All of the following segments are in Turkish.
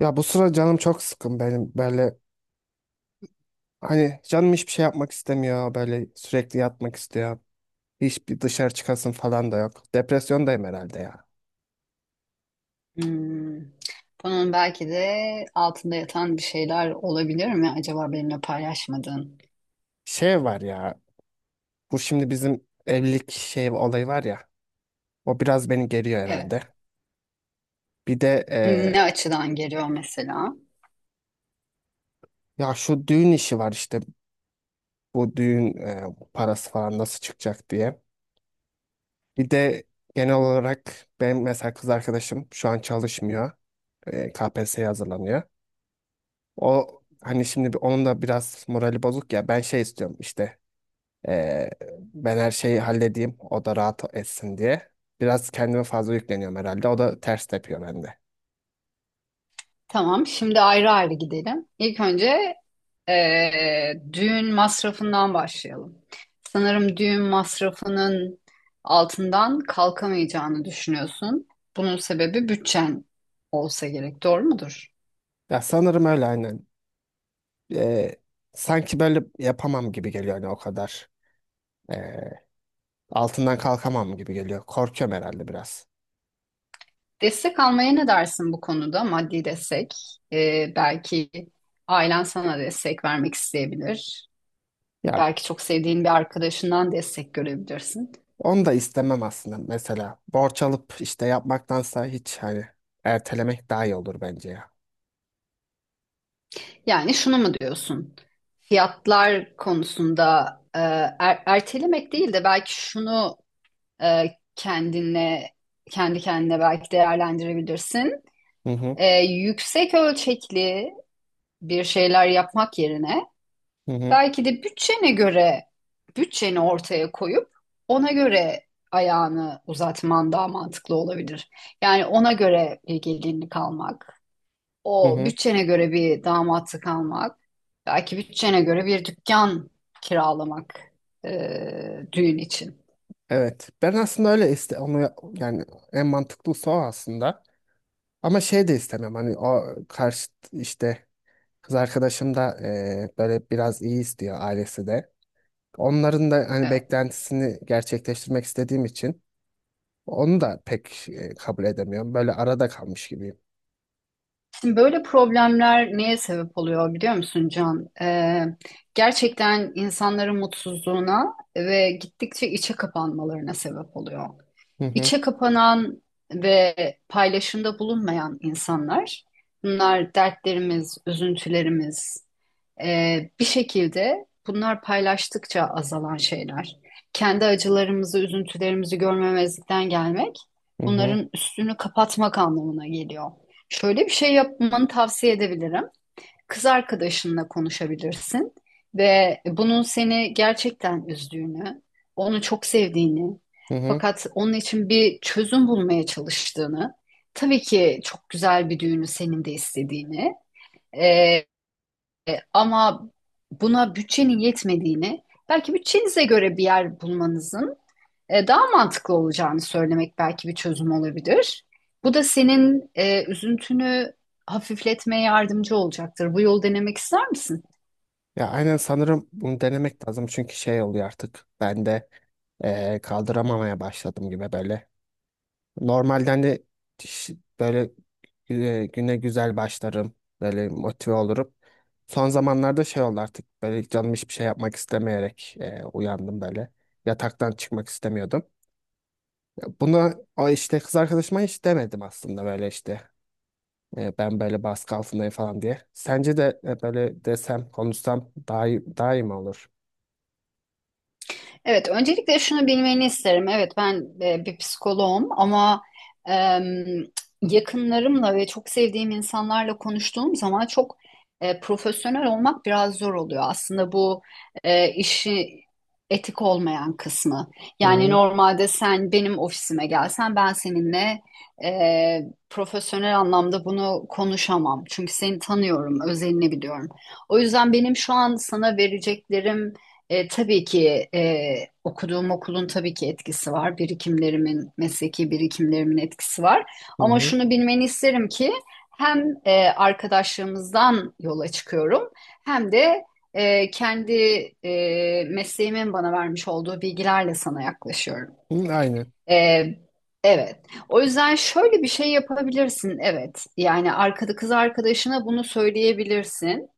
Ya, bu sıra canım çok sıkın benim böyle. Hani canım hiçbir şey yapmak istemiyor, böyle sürekli yatmak istiyor. Hiçbir dışarı çıkasın falan da yok. Depresyondayım herhalde ya. Hmm. Bunun belki de altında yatan bir şeyler olabilir mi acaba benimle paylaşmadığın? Şey var ya, bu şimdi bizim evlilik şey olayı var ya, o biraz beni geriyor Evet. herhalde. Bir de Ne açıdan geliyor mesela? Ya şu düğün işi var işte, bu düğün parası falan nasıl çıkacak diye. Bir de genel olarak benim mesela kız arkadaşım şu an çalışmıyor. KPSS'ye hazırlanıyor. O hani şimdi onun da biraz morali bozuk ya. Ben şey istiyorum işte. eee, ben her şeyi halledeyim. O da rahat etsin diye. Biraz kendime fazla yükleniyorum herhalde. O da ters tepiyor bende. Tamam, şimdi ayrı ayrı gidelim. İlk önce düğün masrafından başlayalım. Sanırım düğün masrafının altından kalkamayacağını düşünüyorsun. Bunun sebebi bütçen olsa gerek, doğru mudur? Ya, sanırım öyle aynen. Eee, sanki böyle yapamam gibi geliyor, hani o kadar. Eee, altından kalkamam gibi geliyor. Korkuyorum herhalde biraz. Destek almaya ne dersin bu konuda? Maddi destek. Belki ailen sana destek vermek isteyebilir. Ya, Belki çok sevdiğin bir arkadaşından destek görebilirsin. onu da istemem aslında mesela. Borç alıp işte yapmaktansa hiç hani ertelemek daha iyi olur bence ya. Yani şunu mu diyorsun? Fiyatlar konusunda e, ertelemek değil de belki şunu e, kendine kendi kendine belki değerlendirebilirsin. Hı hı. Yüksek ölçekli bir şeyler yapmak yerine Hı hı. belki de bütçene göre bütçeni ortaya koyup ona göre ayağını uzatman daha mantıklı olabilir. Yani ona göre bir gelinlik almak, Hı o hı. bütçene göre bir damatlık almak, belki bütçene göre bir dükkan kiralamak düğün için. Evet. Ben aslında öyle iste onu, yani en mantıklısı o aslında. Ama şey de istemem, hani o karşı işte kız arkadaşım da böyle biraz iyi istiyor, ailesi de. Onların da hani Evet. beklentisini gerçekleştirmek istediğim için onu da pek kabul edemiyorum. Böyle arada kalmış gibiyim. Şimdi böyle problemler neye sebep oluyor biliyor musun, Can? Gerçekten insanların mutsuzluğuna ve gittikçe içe kapanmalarına sebep oluyor. Hı hı. İçe kapanan ve paylaşımda bulunmayan insanlar, bunlar dertlerimiz, üzüntülerimiz, bir şekilde bunlar paylaştıkça azalan şeyler. Kendi acılarımızı, üzüntülerimizi görmemezlikten gelmek Hı hı. bunların üstünü kapatmak anlamına geliyor. Şöyle bir şey yapmanı tavsiye edebilirim: kız arkadaşınla konuşabilirsin ve bunun seni gerçekten üzdüğünü, onu çok sevdiğini, Hı hı. fakat onun için bir çözüm bulmaya çalıştığını, tabii ki çok güzel bir düğünü senin de istediğini, e, ama buna bütçenin yetmediğini, belki bütçenize göre bir yer bulmanızın daha mantıklı olacağını söylemek belki bir çözüm olabilir. Bu da senin üzüntünü hafifletmeye yardımcı olacaktır. Bu yolu denemek ister misin? Ya, aynen sanırım bunu denemek lazım, çünkü şey oluyor artık ben de kaldıramamaya başladım gibi böyle. Normalden de ş- böyle güne güzel başlarım, böyle motive olurum. Son zamanlarda şey oldu artık, böyle canım hiçbir şey yapmak istemeyerek uyandım böyle. Yataktan çıkmak istemiyordum. Buna o işte kız arkadaşıma hiç demedim aslında, böyle işte ben böyle baskı altındayım falan diye. Sence de böyle desem konuşsam daha iyi, daha iyi mi olur? Evet, öncelikle şunu bilmeni isterim. Evet, ben bir psikoloğum ama em, yakınlarımla ve çok sevdiğim insanlarla konuştuğum zaman çok profesyonel olmak biraz zor oluyor. Aslında bu işi etik olmayan kısmı. Yani Hı. normalde sen benim ofisime gelsen ben seninle e, profesyonel anlamda bunu konuşamam. Çünkü seni tanıyorum, özelini biliyorum. O yüzden benim şu an sana vereceklerim tabii ki okuduğum okulun tabii ki etkisi var. Birikimlerimin, mesleki birikimlerimin etkisi var. Hı Ama hı. şunu bilmeni isterim ki hem arkadaşlığımızdan yola çıkıyorum hem de kendi mesleğimin bana vermiş olduğu bilgilerle sana yaklaşıyorum. Hı, aynen. E, evet. O yüzden şöyle bir şey yapabilirsin. Evet. Yani arkada kız arkadaşına bunu söyleyebilirsin.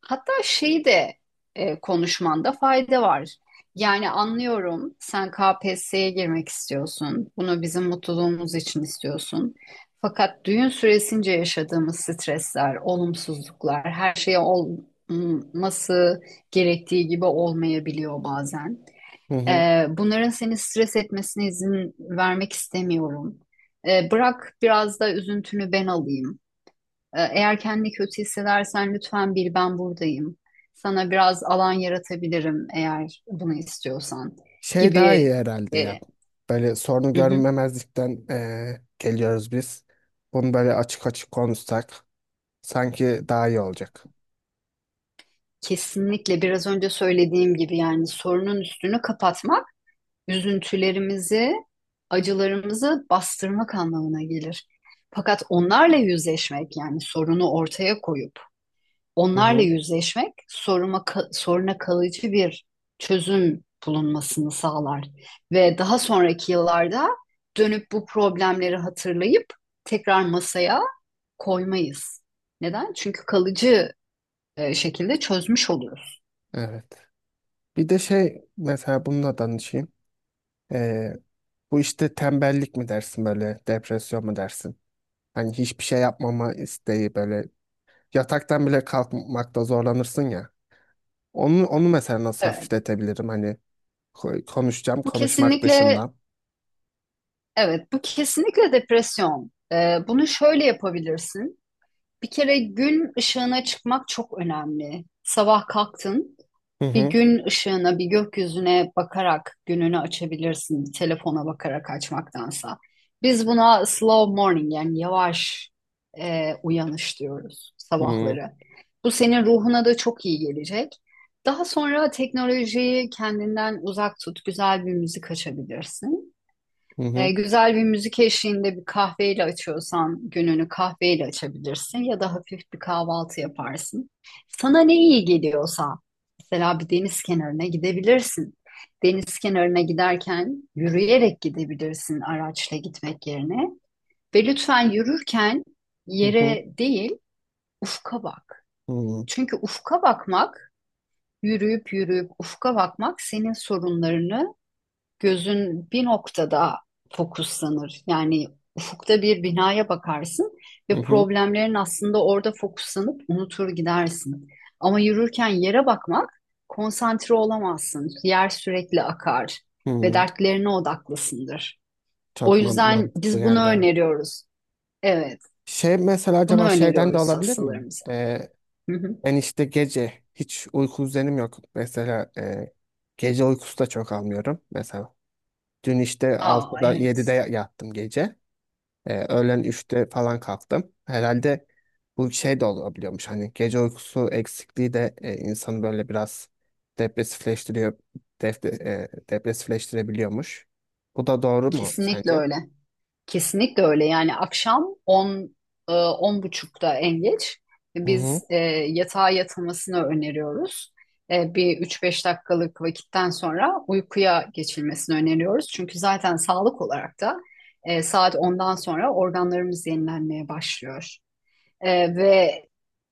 Hatta şeyi de konuşmanda fayda var. Yani anlıyorum, sen KPSS'ye girmek istiyorsun. Bunu bizim mutluluğumuz için istiyorsun. Fakat düğün süresince yaşadığımız stresler, olumsuzluklar, her şey olması gerektiği gibi olmayabiliyor bazen. Hı hı. Bunların seni stres etmesine izin vermek istemiyorum. Bırak biraz da üzüntünü ben alayım. Eğer kendini kötü hissedersen lütfen bil, ben buradayım. Sana biraz alan yaratabilirim eğer bunu istiyorsan Şey daha iyi gibi. herhalde yani. E, Böyle sorunu hı hı. görmemezlikten geliyoruz biz. Bunu böyle açık açık konuşsak sanki daha iyi olacak. Kesinlikle biraz önce söylediğim gibi yani sorunun üstünü kapatmak üzüntülerimizi, acılarımızı bastırmak anlamına gelir. Fakat onlarla yüzleşmek yani sorunu ortaya koyup Hı onlarla hı. yüzleşmek soruna kalıcı bir çözüm bulunmasını sağlar. Ve daha sonraki yıllarda dönüp bu problemleri hatırlayıp tekrar masaya koymayız. Neden? Çünkü kalıcı şekilde çözmüş oluyoruz. Evet. Bir de şey mesela bununla danışayım. Eee, bu işte tembellik mi dersin, böyle depresyon mu dersin? Hani hiçbir şey yapmama isteği böyle, yataktan bile kalkmakta zorlanırsın ya. Onu mesela nasıl Evet. hafifletebilirim? Hani konuşacağım Bu konuşmak kesinlikle dışında. Evet, bu kesinlikle depresyon. Bunu şöyle yapabilirsin. Bir kere gün ışığına çıkmak çok önemli. Sabah kalktın, Hı bir hı. gün ışığına, bir gökyüzüne bakarak gününü açabilirsin, bir telefona bakarak açmaktansa. Biz buna slow morning yani yavaş uyanış diyoruz Hı hı. sabahları. Bu senin ruhuna da çok iyi gelecek. Daha sonra teknolojiyi kendinden uzak tut, güzel bir müzik açabilirsin. Hı hı. Güzel bir müzik eşliğinde bir kahveyle açıyorsan gününü kahveyle açabilirsin ya da hafif bir kahvaltı yaparsın. Sana ne iyi geliyorsa mesela bir deniz kenarına gidebilirsin. Deniz kenarına giderken yürüyerek gidebilirsin araçla gitmek yerine ve lütfen yürürken yere değil ufka bak. Hı hı. Çünkü ufka bakmak, yürüyüp yürüyüp ufka bakmak senin sorunlarını, gözün bir noktada fokuslanır. Yani ufukta bir binaya bakarsın ve problemlerin aslında orada fokuslanıp unutur gidersin. Ama yürürken yere bakmak konsantre olamazsın. Yer sürekli akar Hı ve hı. dertlerine odaklısındır. O Çok yüzden mantıklı biz bunu yerler. öneriyoruz. Evet, Şey mesela bunu acaba şeyden de öneriyoruz olabilir mi? hastalarımıza. Ee, Hı hı. ben işte gece hiç uyku düzenim yok. Mesela gece uykusu da çok almıyorum mesela. Dün işte Aa, 6'da 7'de evet, yattım gece. Öğlen 3'te falan kalktım. Herhalde bu şey de olabiliyormuş. Hani gece uykusu eksikliği de insanı böyle biraz depresifleştiriyor. Depresifleştirebiliyormuş. Bu da doğru mu kesinlikle sence? öyle. Kesinlikle öyle. Yani akşam 10 10 buçukta en geç Hı hı, biz yatağa yatılmasını öneriyoruz. Bir üç beş dakikalık vakitten sonra uykuya geçilmesini öneriyoruz. Çünkü zaten sağlık olarak da saat ondan sonra organlarımız yenilenmeye başlıyor. Ve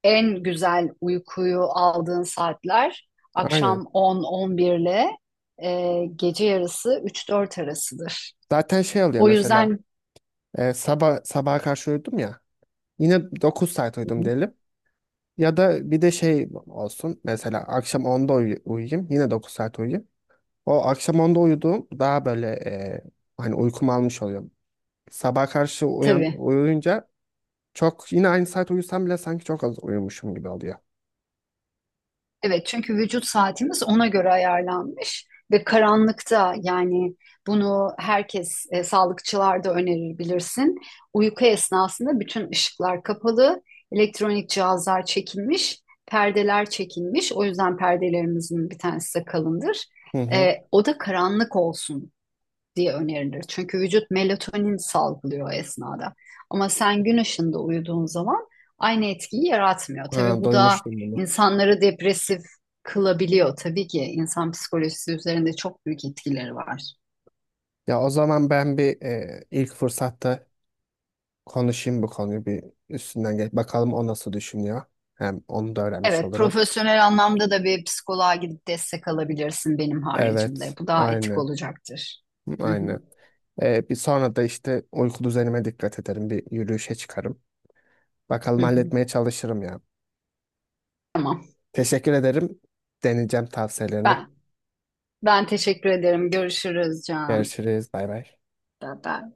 en güzel uykuyu aldığın saatler aynen. akşam on 11 ile gece yarısı üç dört arasıdır. Zaten şey oluyor O mesela yüzden sabaha karşı uyudum ya, yine 9 saat uyudum diyelim. Ya da bir de şey olsun mesela akşam 10'da uyuyayım, yine 9 saat uyuyayım. O akşam 10'da uyuduğum daha böyle hani uykum almış oluyor. Sabah karşı uyan, tabii. uyuyunca çok, yine aynı saat uyusam bile sanki çok az uyumuşum gibi oluyor. Evet çünkü vücut saatimiz ona göre ayarlanmış ve karanlıkta yani bunu herkes, sağlıkçılar da önerir bilirsin. Uyku esnasında bütün ışıklar kapalı, elektronik cihazlar çekilmiş, perdeler çekilmiş. O yüzden perdelerimizin bir tanesi de kalındır. Hı hı. Oda karanlık olsun diye önerilir. Çünkü vücut melatonin salgılıyor o esnada. Ama sen gün ışığında uyuduğun zaman aynı etkiyi yaratmıyor. Tabii Ha, bu da duymuştum bunu. insanları depresif kılabiliyor. Tabii ki insan psikolojisi üzerinde çok büyük etkileri var. Ya o zaman ben bir ilk fırsatta konuşayım bu konuyu, bir üstünden geç. Bakalım o nasıl düşünüyor. Hem onu da öğrenmiş Evet, olurum. profesyonel anlamda da bir psikoloğa gidip destek alabilirsin benim haricimde. Evet, Bu daha etik aynı, olacaktır. Hı hı, aynı. Bir sonra da işte uyku düzenime dikkat ederim. Bir yürüyüşe çıkarım. hı Bakalım, hı. halletmeye çalışırım ya. Tamam. Teşekkür ederim. Deneyeceğim tavsiyelerini. Ben Ben teşekkür ederim. Görüşürüz Can. Görüşürüz. Bay bay. Bye bye.